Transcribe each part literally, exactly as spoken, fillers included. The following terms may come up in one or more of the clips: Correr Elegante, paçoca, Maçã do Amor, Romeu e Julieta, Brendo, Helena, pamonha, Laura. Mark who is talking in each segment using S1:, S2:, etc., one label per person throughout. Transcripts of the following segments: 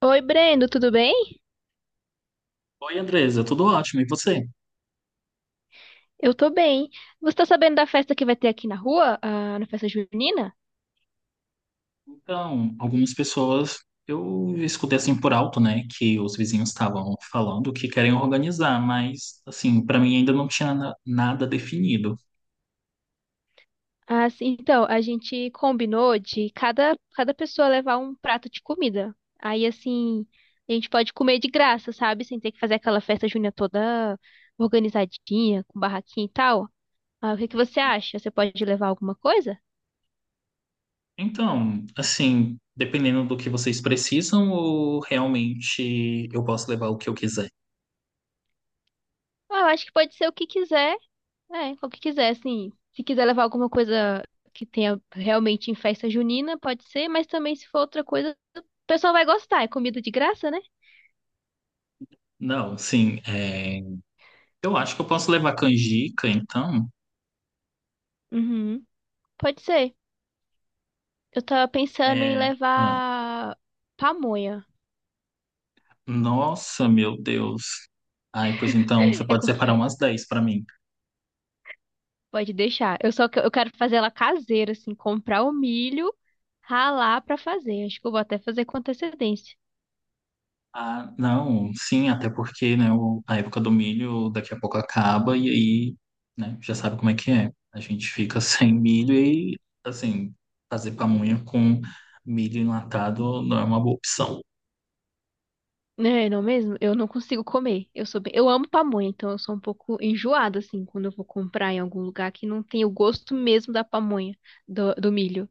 S1: Oi, Brendo, tudo bem?
S2: Oi, Andresa, tudo ótimo. E você?
S1: Eu tô bem. Você tá sabendo da festa que vai ter aqui na rua, ah, na festa junina?
S2: Então, algumas pessoas eu escutei assim por alto, né, que os vizinhos estavam falando que querem organizar, mas assim, para mim ainda não tinha na- nada definido.
S1: Ah, sim, então, a gente combinou de cada, cada pessoa levar um prato de comida. Aí, assim, a gente pode comer de graça, sabe? Sem ter que fazer aquela festa junina toda organizadinha, com barraquinha e tal. Ah, o que que você acha? Você pode levar alguma coisa?
S2: Então, assim, dependendo do que vocês precisam, ou realmente eu posso levar o que eu quiser.
S1: Ah, eu acho que pode ser o que quiser. É, o que quiser, assim. Se quiser levar alguma coisa que tenha realmente em festa junina, pode ser, mas também se for outra coisa, o pessoal vai gostar. É comida de graça, né?
S2: Não, sim, é, eu acho que eu posso levar canjica, então.
S1: Uhum. Pode ser. Eu tava pensando em
S2: É, ah,
S1: levar pamonha.
S2: nossa, meu Deus. Ai, pois então, você
S1: É
S2: pode
S1: co-
S2: separar umas dez para mim.
S1: Pode deixar. Eu só que- eu quero fazer ela caseira, assim, comprar o milho, ralar pra fazer. Acho que eu vou até fazer com antecedência.
S2: Ah, não, sim, até porque, né, o- a época do milho daqui a pouco acaba e aí, né, já sabe como é que é. A gente fica sem milho e, assim, fazer pamonha com milho enlatado não é uma boa opção.
S1: É, não mesmo? Eu não consigo comer. Eu sou bem... Eu amo pamonha, então eu sou um pouco enjoada, assim, quando eu vou comprar em algum lugar que não tem o gosto mesmo da pamonha, do, do milho.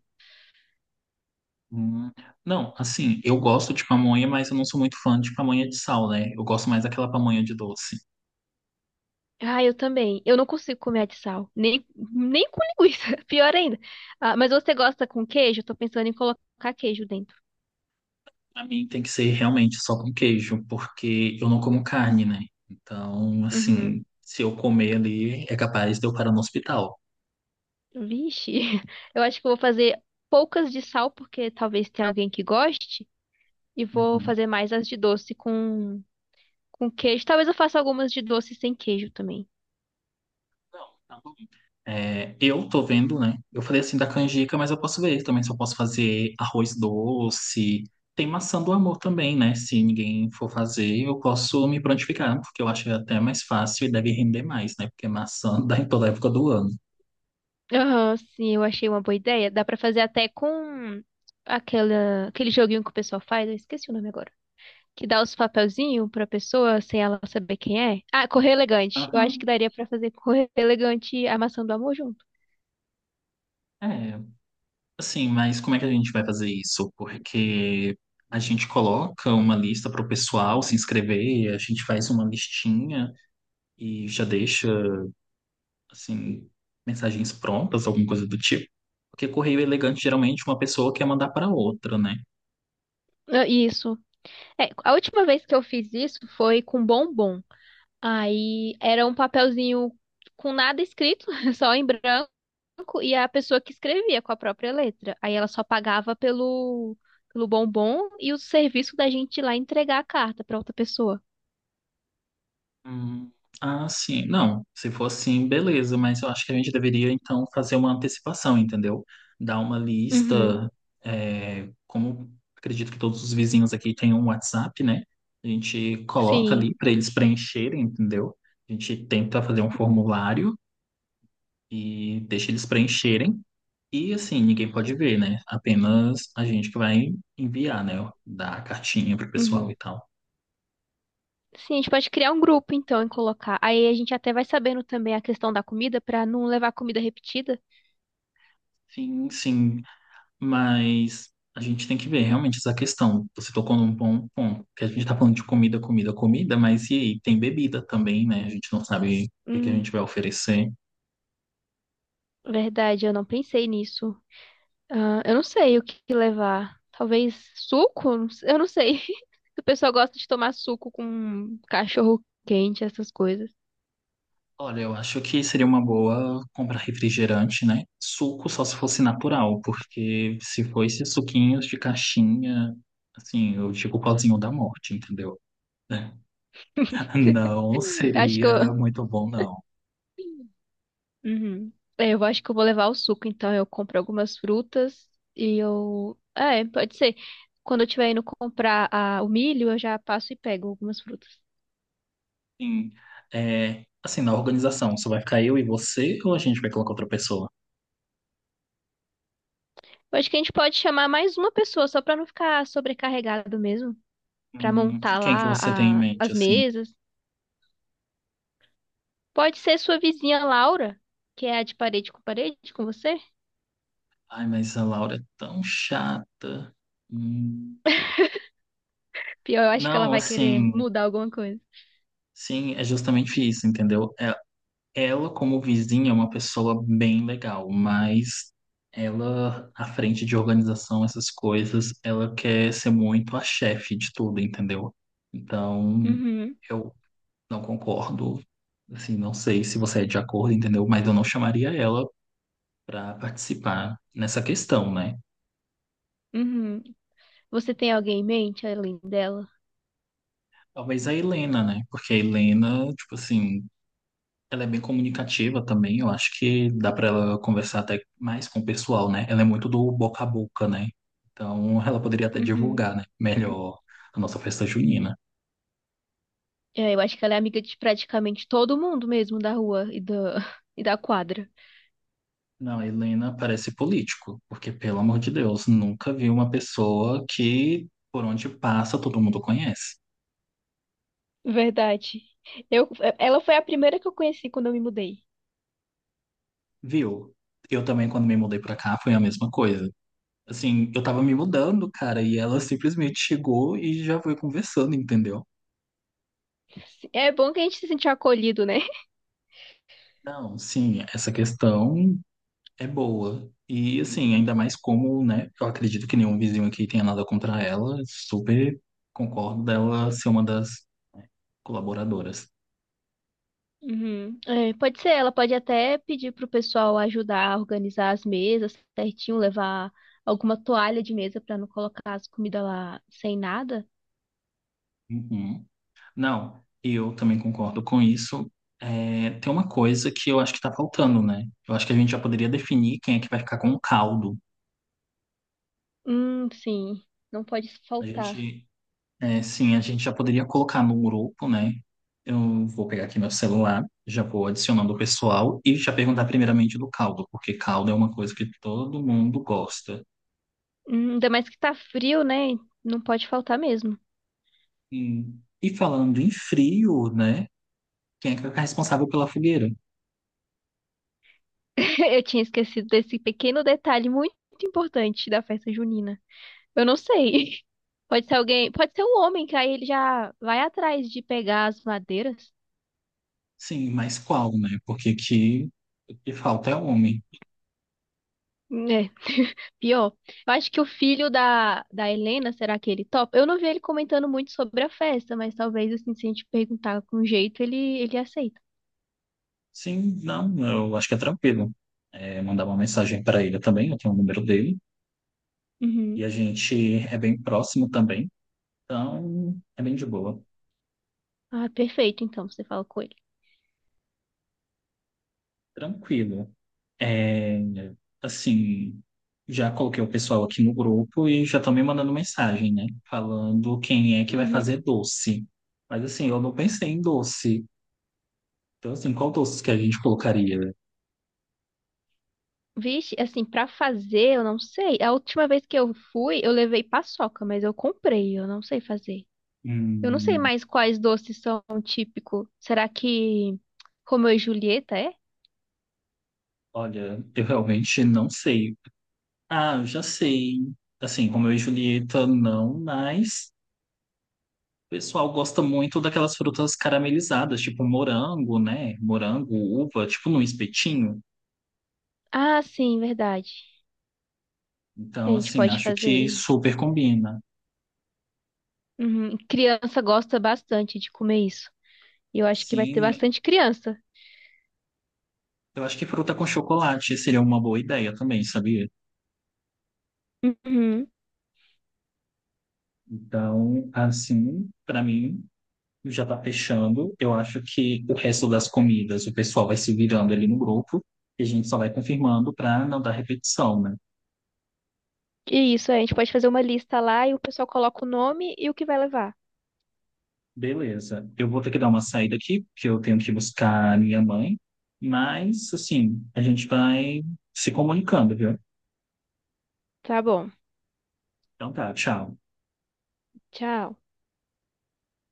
S2: Hum. Não, assim, eu gosto de pamonha, mas eu não sou muito fã de pamonha de sal, né? Eu gosto mais daquela pamonha de doce.
S1: Ah, eu também. Eu não consigo comer a de sal. Nem, nem com linguiça. Pior ainda. Ah, mas você gosta com queijo? Eu tô pensando em colocar queijo dentro.
S2: Pra mim tem que ser realmente só com queijo, porque eu não como carne, né? Então,
S1: Uhum.
S2: assim, se eu comer ali, é capaz de eu parar no hospital.
S1: Vixe. Eu acho que eu vou fazer poucas de sal, porque talvez tenha alguém que goste. E vou
S2: Uhum.
S1: fazer mais as de doce com, com queijo. Talvez eu faça algumas de doce sem queijo também.
S2: Não, tá bom. É, eu tô vendo, né? Eu falei assim da canjica, mas eu posso ver também se eu posso fazer arroz doce. Tem maçã do amor também, né? Se ninguém for fazer, eu posso me prontificar, porque eu acho até mais fácil e deve render mais, né? Porque maçã dá em toda época do ano.
S1: Aham, sim, eu achei uma boa ideia. Dá pra fazer até com aquela, aquele joguinho que o pessoal faz, eu esqueci o nome agora. Que dá os papelzinhos pra pessoa sem ela saber quem é. Ah, Correr Elegante. Eu acho
S2: Aham.
S1: que daria pra fazer Correr Elegante e a Maçã do Amor junto.
S2: É, assim, mas como é que a gente vai fazer isso? Porque a gente coloca uma lista para o pessoal se inscrever, a gente faz uma listinha e já deixa assim, mensagens prontas, alguma coisa do tipo. Porque correio elegante geralmente uma pessoa quer mandar para outra, né?
S1: Ah, isso. É, a última vez que eu fiz isso foi com bombom. Aí era um papelzinho com nada escrito, só em branco. Banco e a pessoa que escrevia com a própria letra. Aí ela só pagava pelo, pelo bombom e o serviço da gente ir lá entregar a carta para outra pessoa.
S2: Hum, ah, sim. Não, se for assim, beleza, mas eu acho que a gente deveria então fazer uma antecipação, entendeu? Dar uma
S1: Uhum.
S2: lista, é, como acredito que todos os vizinhos aqui têm um WhatsApp, né? A gente coloca ali
S1: Sim.
S2: para eles preencherem, entendeu? A gente tenta fazer um formulário e deixa eles preencherem. E assim, ninguém pode ver, né? Apenas a gente que vai enviar, né? Dar a cartinha pro pessoal
S1: Uhum.
S2: e tal.
S1: Sim, a gente pode criar um grupo então e colocar. Aí a gente até vai sabendo também a questão da comida para não levar comida repetida.
S2: Sim, sim. Mas a gente tem que ver realmente essa questão. Você tocou num bom ponto, que a gente tá falando de comida, comida, comida, mas e aí? Tem bebida também, né? A gente não sabe o que que a gente
S1: Hum.
S2: vai oferecer.
S1: Verdade, eu não pensei nisso. Ah, eu não sei o que que levar. Talvez suco? Não sei. Eu não sei. O pessoal gosta de tomar suco com cachorro quente, essas coisas.
S2: Olha, eu acho que seria uma boa comprar refrigerante, né? Suco só se fosse natural, porque se for esses suquinhos de caixinha, assim, eu digo o pauzinho da morte, entendeu? É. Não
S1: Acho que
S2: seria
S1: eu...
S2: muito bom, não.
S1: Uhum. É, eu acho que eu vou levar o suco, então eu compro algumas frutas e eu. É, pode ser. Quando eu estiver indo comprar a- o milho, eu já passo e pego algumas frutas.
S2: Sim. É, assim, na organização, só vai ficar eu e você ou a gente vai colocar outra pessoa?
S1: Eu acho que a gente pode chamar mais uma pessoa, só pra não ficar sobrecarregado mesmo. Pra
S2: Hum,
S1: montar
S2: quem que
S1: lá
S2: você tem em
S1: a-
S2: mente,
S1: as
S2: assim?
S1: mesas. Pode ser sua vizinha Laura, que é a de parede com parede com você.
S2: Ai, mas a Laura é tão chata. Hum,
S1: Pior, eu acho que ela
S2: não,
S1: vai querer
S2: assim,
S1: mudar alguma coisa.
S2: sim, é justamente isso, entendeu? É- ela, como vizinha, é uma pessoa bem legal, mas ela, à frente de organização, essas coisas, ela quer ser muito a chefe de tudo, entendeu? Então.
S1: Uhum,
S2: Eu não concordo. Assim, não sei se você é de acordo, entendeu? Mas eu não chamaria ela para participar nessa questão, né?
S1: uhum. Você tem alguém em mente além dela?
S2: Talvez a Helena, né? Porque a Helena, tipo assim, ela é bem comunicativa também. Eu acho que dá para ela conversar até mais com o pessoal, né? Ela é muito do boca a boca, né? Então, ela poderia até
S1: Uhum.
S2: divulgar, né? Melhor a nossa festa junina.
S1: É, eu acho que ela é amiga de praticamente todo mundo mesmo da rua e da, e da quadra.
S2: Não, a Helena parece político, porque, pelo amor de Deus, nunca vi uma pessoa que, por onde passa, todo mundo conhece.
S1: Verdade. Eu, ela foi a primeira que eu conheci quando eu me mudei.
S2: Viu? Eu também, quando me mudei pra cá, foi a mesma coisa. Assim, eu tava me mudando, cara, e ela simplesmente chegou e já foi conversando, entendeu?
S1: É bom que a gente se sentiu acolhido, né?
S2: Não, sim, essa questão é boa. E, assim, ainda mais como, né, eu acredito que nenhum vizinho aqui tenha nada contra ela, super concordo dela ser uma das colaboradoras.
S1: Uhum. É, pode ser, ela pode até pedir pro pessoal ajudar a organizar as mesas certinho, levar alguma toalha de mesa pra não colocar as comidas lá sem nada.
S2: Uhum. Não, eu também concordo com isso. É, tem uma coisa que eu acho que tá faltando, né? Eu acho que a gente já poderia definir quem é que vai ficar com o caldo.
S1: Hum, sim, não pode
S2: A
S1: faltar.
S2: gente, é, sim, a gente já poderia colocar no grupo, né? Eu vou pegar aqui meu celular, já vou adicionando o pessoal e já perguntar primeiramente do caldo, porque caldo é uma coisa que todo mundo gosta.
S1: Hum, ainda mais que tá frio, né? Não pode faltar mesmo.
S2: E, e falando em frio, né? Quem é que é responsável pela fogueira?
S1: Eu tinha esquecido desse pequeno detalhe muito importante da festa junina. Eu não sei. Pode ser alguém, pode ser um homem, que aí ele já vai atrás de pegar as madeiras.
S2: Sim, mas qual, né? Porque aqui o que falta é homem.
S1: É, pior. Eu acho que o filho da, da Helena, será que ele topa? Eu não vi ele comentando muito sobre a festa, mas talvez, assim, se a gente perguntar com jeito, ele, ele aceita.
S2: Sim, não, eu acho que é tranquilo. É, mandar uma mensagem para ele também, eu tenho o número dele. E a
S1: Uhum.
S2: gente é bem próximo também, então é bem de boa.
S1: Ah, perfeito, então, você fala com ele.
S2: Tranquilo. É, assim, já coloquei o pessoal aqui no grupo e já estão me mandando mensagem, né? Falando quem é que vai
S1: Uhum.
S2: fazer doce. Mas assim, eu não pensei em doce. Então, assim, qual doce que a gente colocaria?
S1: Vixe, assim, pra fazer, eu não sei. A última vez que eu fui, eu levei paçoca, mas eu comprei, eu não sei fazer. Eu não sei
S2: Hum,
S1: mais quais doces são típicos. Será que Romeu e Julieta é?
S2: olha, eu realmente não sei. Ah, eu já sei. Assim, Romeu e Julieta, não, mas o pessoal gosta muito daquelas frutas caramelizadas, tipo morango, né? Morango, uva, tipo num espetinho.
S1: Ah, sim, verdade. A
S2: Então,
S1: gente
S2: assim,
S1: pode
S2: acho que
S1: fazer.
S2: super combina.
S1: Uhum. Criança gosta bastante de comer isso. E eu acho que vai ter
S2: Sim,
S1: bastante criança.
S2: eu acho que fruta com chocolate seria uma boa ideia também, sabia?
S1: Uhum.
S2: Então, assim, pra mim, já tá fechando. Eu acho que o resto das comidas o pessoal vai se virando ali no grupo e a gente só vai confirmando pra não dar repetição, né?
S1: E isso, a gente pode fazer uma lista lá e o pessoal coloca o nome e o que vai levar.
S2: Beleza. Eu vou ter que dar uma saída aqui, porque eu tenho que buscar a minha mãe. Mas, assim, a gente vai se comunicando, viu?
S1: Tá bom.
S2: Então tá, tchau.
S1: Tchau.